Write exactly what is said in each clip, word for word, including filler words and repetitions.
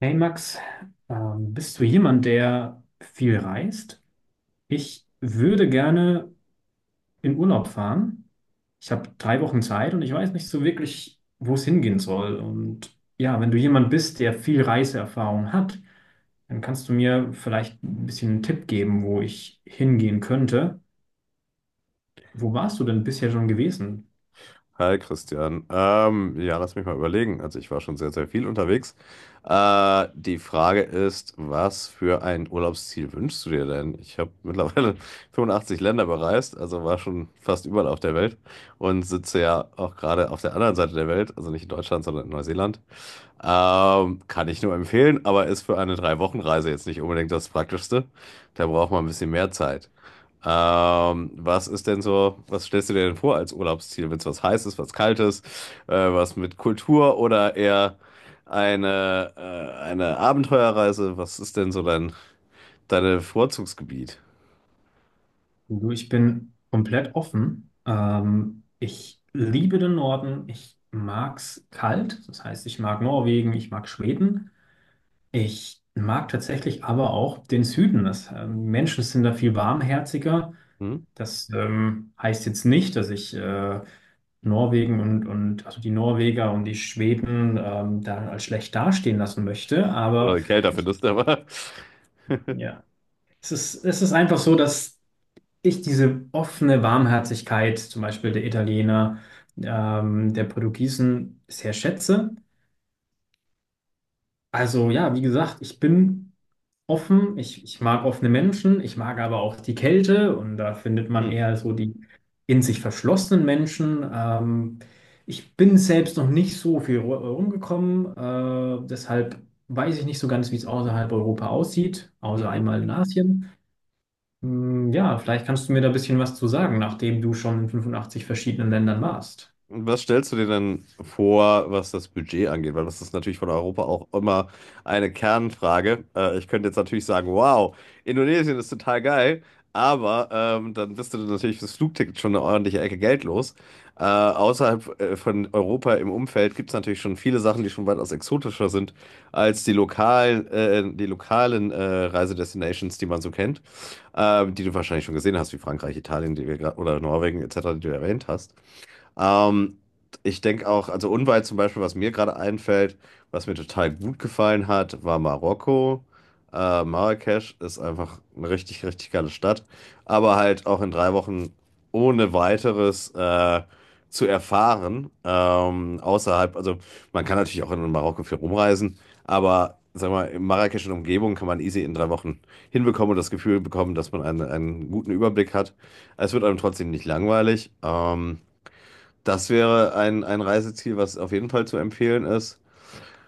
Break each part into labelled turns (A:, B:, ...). A: Hey Max, ähm, bist du jemand, der viel reist? Ich würde gerne in Urlaub fahren. Ich habe drei Wochen Zeit und ich weiß nicht so wirklich, wo es hingehen soll. Und ja, wenn du jemand bist, der viel Reiseerfahrung hat, dann kannst du mir vielleicht ein bisschen einen Tipp geben, wo ich hingehen könnte. Wo warst du denn bisher schon gewesen?
B: Hi Christian. Ähm, ja, lass mich mal überlegen. Also ich war schon sehr, sehr viel unterwegs. Äh, die Frage ist, was für ein Urlaubsziel wünschst du dir denn? Ich habe mittlerweile fünfundachtzig Länder bereist, also war schon fast überall auf der Welt und sitze ja auch gerade auf der anderen Seite der Welt, also nicht in Deutschland, sondern in Neuseeland. Ähm, kann ich nur empfehlen, aber ist für eine Drei-Wochen-Reise jetzt nicht unbedingt das Praktischste. Da braucht man ein bisschen mehr Zeit. Ähm, was ist denn so, was stellst du dir denn vor als Urlaubsziel? Wenn es was Heißes, was Kaltes, äh, was mit Kultur oder eher eine, äh, eine Abenteuerreise? Was ist denn so dein, deine Vorzugsgebiet?
A: Du, ich bin komplett offen. Ähm, ich liebe den Norden. Ich mag's kalt. Das heißt, ich mag Norwegen, ich mag Schweden. Ich mag tatsächlich aber auch den Süden. Das, ähm, Menschen sind da viel warmherziger.
B: Hm?
A: Das ähm, heißt jetzt nicht, dass ich äh, Norwegen und, und also die Norweger und die Schweden ähm, da als schlecht dastehen lassen möchte. Aber
B: Oder kälter
A: es-
B: findest du aber.
A: ja, es ist, es ist einfach so, dass ich diese offene Warmherzigkeit, zum Beispiel der Italiener, ähm, der Portugiesen, sehr schätze. Also ja, wie gesagt, ich bin offen, ich, ich mag offene Menschen, ich mag aber auch die Kälte und da findet man
B: Hm.
A: eher so die in sich verschlossenen Menschen. Ähm, ich bin selbst noch nicht so viel ru- rumgekommen, äh, deshalb weiß ich nicht so ganz, wie es außerhalb Europa aussieht, außer
B: Mhm.
A: einmal in Asien. Hm, ja, vielleicht kannst du mir da ein bisschen was zu sagen, nachdem du schon in fünfundachtzig verschiedenen Ländern warst.
B: Was stellst du dir denn vor, was das Budget angeht? Weil das ist natürlich von Europa auch immer eine Kernfrage. Äh, ich könnte jetzt natürlich sagen, wow, Indonesien ist total geil, aber ähm, dann bist du natürlich fürs Flugticket schon eine ordentliche Ecke Geld los. Äh, außerhalb äh, von Europa im Umfeld gibt es natürlich schon viele Sachen, die schon weitaus exotischer sind als die lokalen, äh, die lokalen äh, Reisedestinations, die man so kennt, äh, die du wahrscheinlich schon gesehen hast, wie Frankreich, Italien, die wir grad, oder Norwegen et cetera, die du erwähnt hast. Ähm, Ich denke auch, also unweit zum Beispiel, was mir gerade einfällt, was mir total gut gefallen hat, war Marokko. Äh, Marrakesch ist einfach eine richtig, richtig geile Stadt. Aber halt auch in drei Wochen ohne weiteres äh, zu erfahren. Ähm, außerhalb, also man kann natürlich auch in Marokko viel rumreisen, aber sag mal, in Marrakesch und Umgebung kann man easy in drei Wochen hinbekommen und das Gefühl bekommen, dass man einen, einen guten Überblick hat. Es wird einem trotzdem nicht langweilig. Ähm, das wäre ein, ein Reiseziel, was auf jeden Fall zu empfehlen ist.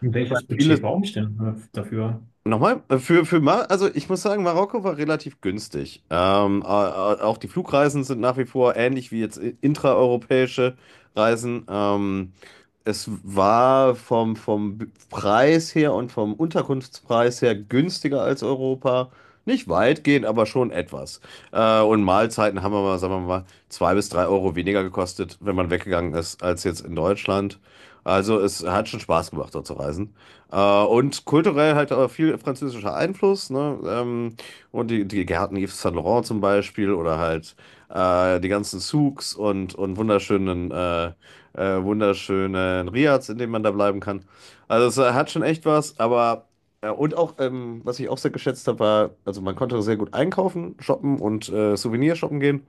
A: Welches
B: Vieles
A: Budget brauche ich denn äh, dafür?
B: Nochmal, äh, für, für Mar Also ich muss sagen, Marokko war relativ günstig. Ähm, äh, äh, auch die Flugreisen sind nach wie vor ähnlich wie jetzt i- intraeuropäische Reisen. Ähm, es war vom, vom B- Preis her und vom Unterkunftspreis her günstiger als Europa. Nicht weitgehend, aber schon etwas. Äh, und Mahlzeiten haben wir mal, sagen wir mal, zwei bis drei Euro weniger gekostet, wenn man weggegangen ist, als jetzt in Deutschland. Also es hat schon Spaß gemacht, dort zu reisen. Äh, und kulturell halt auch viel französischer Einfluss, ne? Ähm, und die, die Gärten Yves Saint Laurent zum Beispiel oder halt äh, die ganzen Souks und, und wunderschönen, äh, äh, wunderschönen Riads, in denen man da bleiben kann. Also es äh, hat schon echt was, aber äh, und auch, ähm, was ich auch sehr geschätzt habe, war, also man konnte sehr gut einkaufen, shoppen und äh, Souvenir shoppen gehen.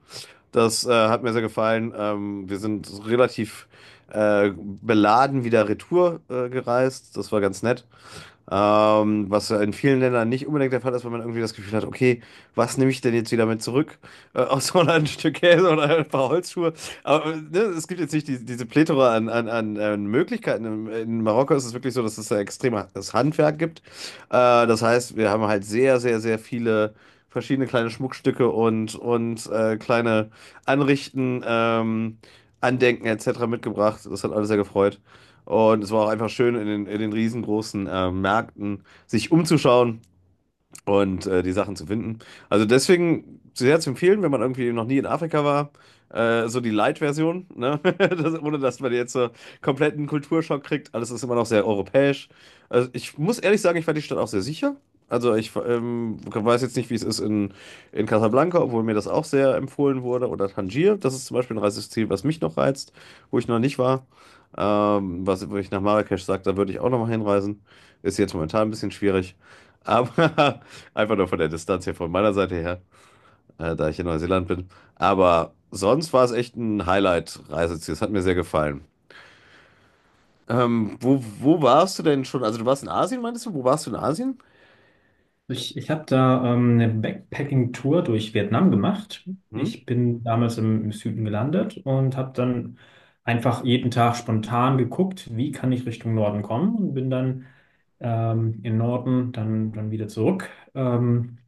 B: Das äh, hat mir sehr gefallen. Ähm, wir sind relativ äh, beladen wieder retour äh, gereist. Das war ganz nett. Ähm, was ja in vielen Ländern nicht unbedingt der Fall ist, weil man irgendwie das Gefühl hat, okay, was nehme ich denn jetzt wieder mit zurück? Äh, außer ein Stück Käse oder ein paar Holzschuhe. Aber äh, ne, es gibt jetzt nicht die, diese Plethora an, an, an, an Möglichkeiten. In, in Marokko ist es wirklich so, dass es da extremes Handwerk gibt. Äh, Das heißt, wir haben halt sehr, sehr, sehr viele verschiedene kleine Schmuckstücke und, und äh, kleine Anrichten, ähm, Andenken et cetera mitgebracht. Das hat alles sehr gefreut. Und es war auch einfach schön, in den, in den riesengroßen äh, Märkten sich umzuschauen, und äh, die Sachen zu finden. Also deswegen sehr zu empfehlen, wenn man irgendwie noch nie in Afrika war, äh, so die Light-Version, ne? Das, ohne dass man jetzt so kompletten Kulturschock kriegt. Alles ist immer noch sehr europäisch. Also ich muss ehrlich sagen, ich fand die Stadt auch sehr sicher. Also ich ähm, weiß jetzt nicht, wie es ist in, in Casablanca, obwohl mir das auch sehr empfohlen wurde. Oder Tangier, das ist zum Beispiel ein Reiseziel, was mich noch reizt, wo ich noch nicht war. Ähm, was, wo ich nach Marrakesch sage, da würde ich auch nochmal hinreisen. Ist jetzt momentan ein bisschen schwierig. Aber einfach nur von der Distanz her, von meiner Seite her, äh, da ich in Neuseeland bin. Aber sonst war es echt ein Highlight-Reiseziel. Es hat mir sehr gefallen. Ähm, wo, wo warst du denn schon? Also du warst in Asien, meintest du? Wo warst du in Asien?
A: Ich, ich habe da ähm, eine Backpacking-Tour durch Vietnam gemacht.
B: Hm?
A: Ich bin damals im, im Süden gelandet und habe dann einfach jeden Tag spontan geguckt, wie kann ich Richtung Norden kommen und bin dann ähm, in Norden, dann, dann wieder zurück. Ähm,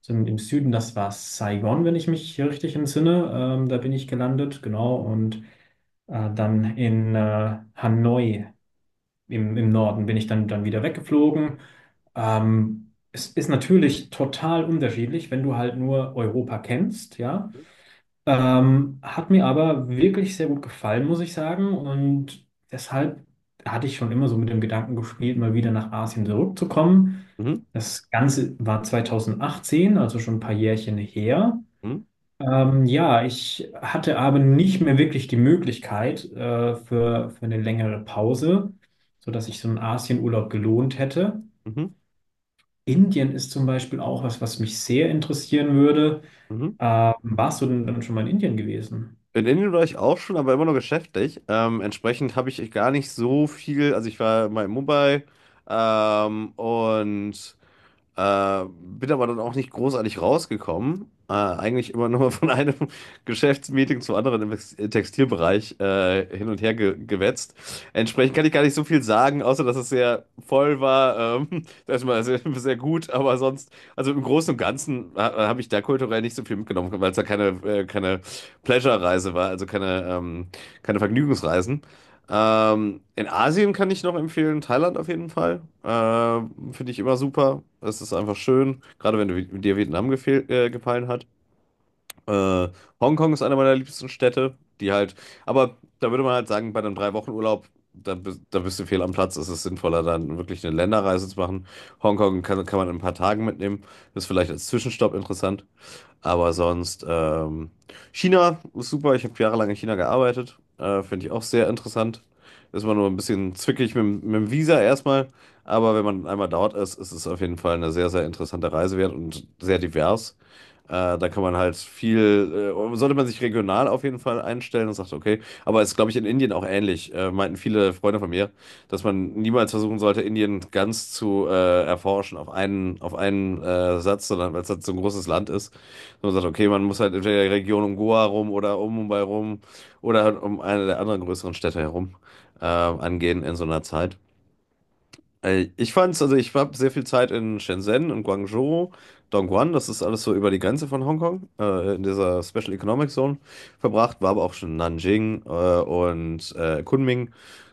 A: so im im Süden, das war Saigon, wenn ich mich hier richtig entsinne. Ähm, da bin ich gelandet, genau. Und Äh, dann in äh, Hanoi im, im Norden bin ich dann, dann wieder weggeflogen. Ähm, es ist natürlich total unterschiedlich, wenn du halt nur Europa kennst, ja. Ähm, hat mir aber wirklich sehr gut gefallen, muss ich sagen. Und deshalb hatte ich schon immer so mit dem Gedanken gespielt, mal wieder nach Asien zurückzukommen.
B: Mhm.
A: Das Ganze war zwanzig achtzehn, also schon ein paar Jährchen her.
B: Mhm.
A: Ähm, ja, ich hatte aber nicht mehr wirklich die Möglichkeit äh, für, für eine längere Pause, sodass ich so einen Asienurlaub gelohnt hätte.
B: Mhm.
A: Indien ist zum Beispiel auch was, was mich sehr interessieren würde.
B: Mhm.
A: Ähm, warst du denn dann schon mal in Indien gewesen?
B: In Indien war ich auch schon, aber immer nur geschäftlich. Ähm, entsprechend habe ich gar nicht so viel. Also ich war mal in Mumbai ähm, und Äh, bin aber dann auch nicht großartig rausgekommen. Äh, eigentlich immer nur von einem Geschäftsmeeting zum anderen im Ex- Textilbereich äh, hin und her ge gewetzt. Entsprechend kann ich gar nicht so viel sagen, außer dass es sehr voll war. Ähm, das war sehr, sehr gut, aber sonst, also im Großen und Ganzen ha habe ich da kulturell nicht so viel mitgenommen, weil es da keine, äh, keine Pleasure-Reise war, also keine, ähm, keine Vergnügungsreisen. Ähm, in Asien kann ich noch empfehlen, Thailand auf jeden Fall. Ähm, finde ich immer super. Es ist einfach schön, gerade wenn du, dir Vietnam gefehl, äh, gefallen hat. Äh, Hongkong ist eine meiner liebsten Städte, die halt, aber da würde man halt sagen, bei einem Drei-Wochen-Urlaub, da, bist- da bist du fehl am Platz. Es ist sinnvoller, dann wirklich eine Länderreise zu machen. Hongkong kann, kann man in ein paar Tagen mitnehmen. Ist vielleicht als Zwischenstopp interessant. Aber sonst, ähm, China ist super. Ich habe jahrelang in China gearbeitet. Äh, finde ich auch sehr interessant. Ist man nur ein bisschen zwickig mit, dem- mit dem Visa erstmal. Aber wenn man einmal dort ist, ist es auf jeden Fall eine sehr, sehr interessante Reise wert und sehr divers. Äh, da kann man halt viel, äh, sollte man sich regional auf jeden Fall einstellen und sagt, okay. Aber es ist, glaube ich, in Indien auch ähnlich, äh, meinten viele Freunde von mir, dass man niemals versuchen sollte, Indien ganz zu äh, erforschen auf einen, auf einen äh, Satz, sondern weil es halt so ein großes Land ist. Dass man sagt, okay, man muss halt entweder in der Region um Goa rum oder um Mumbai rum oder halt um eine der anderen größeren Städte herum äh, angehen in so einer Zeit. Äh, Ich fand's, also ich habe sehr viel Zeit in Shenzhen und Guangzhou, Dongguan, das ist alles so über die Grenze von Hongkong, äh, in dieser Special Economic Zone verbracht, war aber auch schon in Nanjing äh, und äh, Kunming.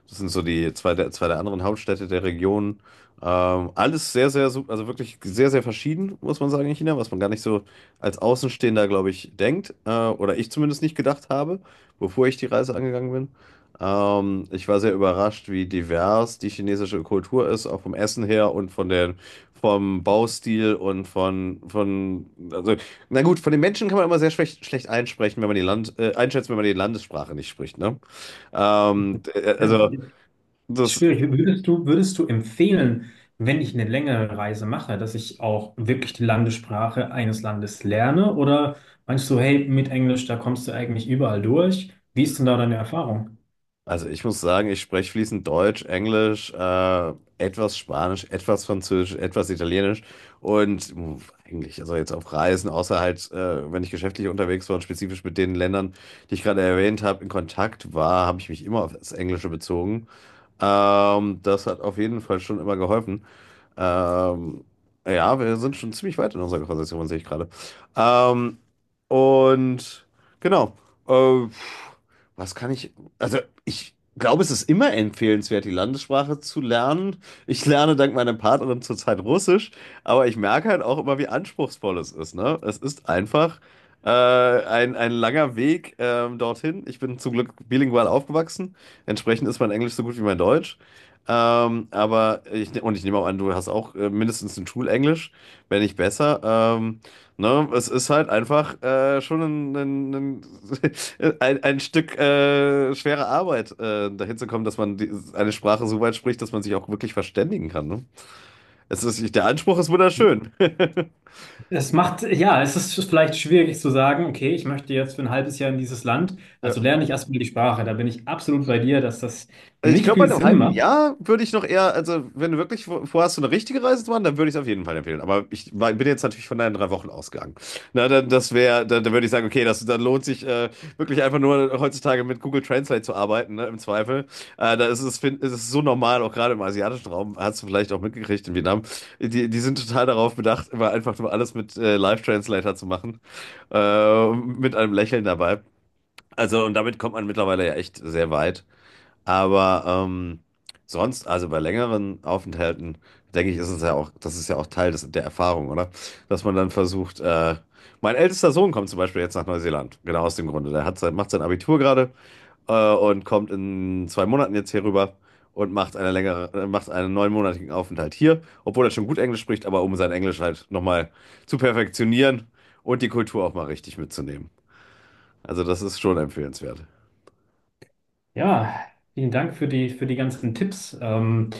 B: Das sind so die zwei der, zwei der anderen Hauptstädte der Region. Ähm, alles sehr, sehr, su- also wirklich sehr, sehr verschieden, muss man sagen, in China, was man gar nicht so als Außenstehender, glaube ich, denkt, äh, oder ich zumindest nicht gedacht habe, bevor ich die Reise angegangen bin. Ähm, ich war sehr überrascht, wie divers die chinesische Kultur ist, auch vom Essen her und von den, vom Baustil und von, von, also, na gut, von den Menschen kann man immer sehr schlecht, schlecht einsprechen, wenn man die Land, äh, einschätzen, wenn man die Landessprache nicht spricht, ne? Ähm, d- äh,
A: Ja.
B: also,
A: Ist
B: das,
A: schwierig. Würdest du, würdest du empfehlen, wenn ich eine längere Reise mache, dass ich auch wirklich die Landessprache eines Landes lerne? Oder meinst du, hey, mit Englisch, da kommst du eigentlich überall durch? Wie ist denn da deine Erfahrung?
B: Also ich muss sagen, ich spreche fließend Deutsch, Englisch, äh, etwas Spanisch, etwas Französisch, etwas Italienisch und mh, eigentlich, also jetzt auf Reisen, außer halt, äh, wenn ich geschäftlich unterwegs war und spezifisch mit den Ländern, die ich gerade erwähnt habe, in Kontakt war, habe ich mich immer auf das Englische bezogen. Ähm, das hat auf jeden Fall schon immer geholfen. Ähm, ja, wir sind schon ziemlich weit in unserer Konversation, sehe ich gerade. Ähm, und genau. Äh, was kann ich. Also, ich glaube, es ist immer empfehlenswert, die Landessprache zu lernen. Ich lerne dank meiner Partnerin zurzeit Russisch, aber ich merke halt auch immer, wie anspruchsvoll es ist, ne? Es ist einfach. Äh, ein, ein langer Weg ähm, dorthin. Ich bin zum Glück bilingual aufgewachsen. Entsprechend ist mein Englisch so gut wie mein Deutsch. Ähm, aber ich, ne- und ich nehme auch an, du hast auch äh, mindestens ein Schulenglisch, wenn nicht besser. Ähm, ne? Es ist halt einfach äh, schon ein, ein, ein, ein ein Stück äh, schwere Arbeit, äh, dahin zu kommen, dass man die, eine Sprache so weit spricht, dass man sich auch wirklich verständigen kann. Ne? Es ist, der Anspruch ist wunderschön.
A: Es macht, ja, es ist vielleicht schwierig zu sagen, okay, ich möchte jetzt für ein halbes Jahr in dieses Land,
B: Ja.
A: also lerne ich erstmal die Sprache. Da bin ich absolut bei dir, dass das
B: Also ich
A: nicht
B: glaube,
A: viel
B: bei einem
A: Sinn
B: halben
A: macht.
B: Jahr würde ich noch eher, also wenn du wirklich vor- vorhast, so eine richtige Reise zu machen, dann würde ich es auf jeden Fall empfehlen. Aber ich war, bin jetzt natürlich von deinen drei Wochen ausgegangen. Na, dann, das wäre, dann, dann würde ich sagen, okay, das, dann lohnt sich äh, wirklich einfach nur heutzutage mit Google Translate zu arbeiten, ne, im Zweifel. Äh, da ist es, fin- ist es so normal, auch gerade im asiatischen Raum, hast du vielleicht auch mitgekriegt in Vietnam. Die, die sind total darauf bedacht, immer einfach nur alles mit äh, Live-Translator zu machen. Äh, mit einem Lächeln dabei. Also, und damit kommt man mittlerweile ja echt sehr weit. Aber ähm, sonst, also bei längeren Aufenthalten, denke ich, ist es ja auch, das ist ja auch Teil des, der Erfahrung, oder? Dass man dann versucht, äh, mein ältester Sohn kommt zum Beispiel jetzt nach Neuseeland, genau aus dem Grunde. Der hat sein, macht sein Abitur gerade äh, und kommt in zwei Monaten jetzt hier rüber und macht eine längere, äh, macht einen neunmonatigen Aufenthalt hier, obwohl er schon gut Englisch spricht, aber um sein Englisch halt nochmal zu perfektionieren und die Kultur auch mal richtig mitzunehmen. Also das ist schon empfehlenswert.
A: Ja, vielen Dank für die, für die ganzen Tipps. Ähm,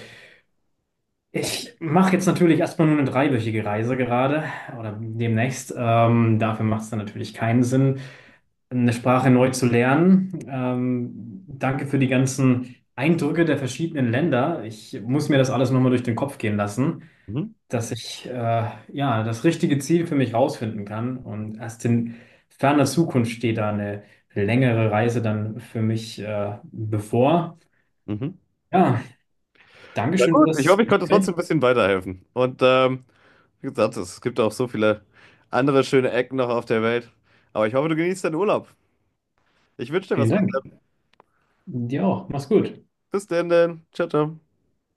A: ich mache jetzt natürlich erstmal nur eine dreiwöchige Reise gerade oder demnächst. Ähm, dafür macht es dann natürlich keinen Sinn, eine Sprache neu zu lernen. Ähm, danke für die ganzen Eindrücke der verschiedenen Länder. Ich muss mir das alles nochmal durch den Kopf gehen lassen,
B: Mhm.
A: dass ich äh, ja das richtige Ziel für mich rausfinden kann. Und erst in ferner Zukunft steht da eine längere Reise dann für mich äh, bevor.
B: Mhm.
A: Ja,
B: Na
A: Dankeschön für
B: gut, ich
A: das
B: hoffe, ich konnte
A: Gespräch.
B: trotzdem ein bisschen weiterhelfen. Und ähm, wie gesagt, es gibt auch so viele andere schöne Ecken noch auf der Welt. Aber ich hoffe, du genießt deinen Urlaub. Ich wünsche dir was.
A: Vielen Dank. Dir auch. Mach's gut.
B: Bis denn, denn. Ciao, ciao.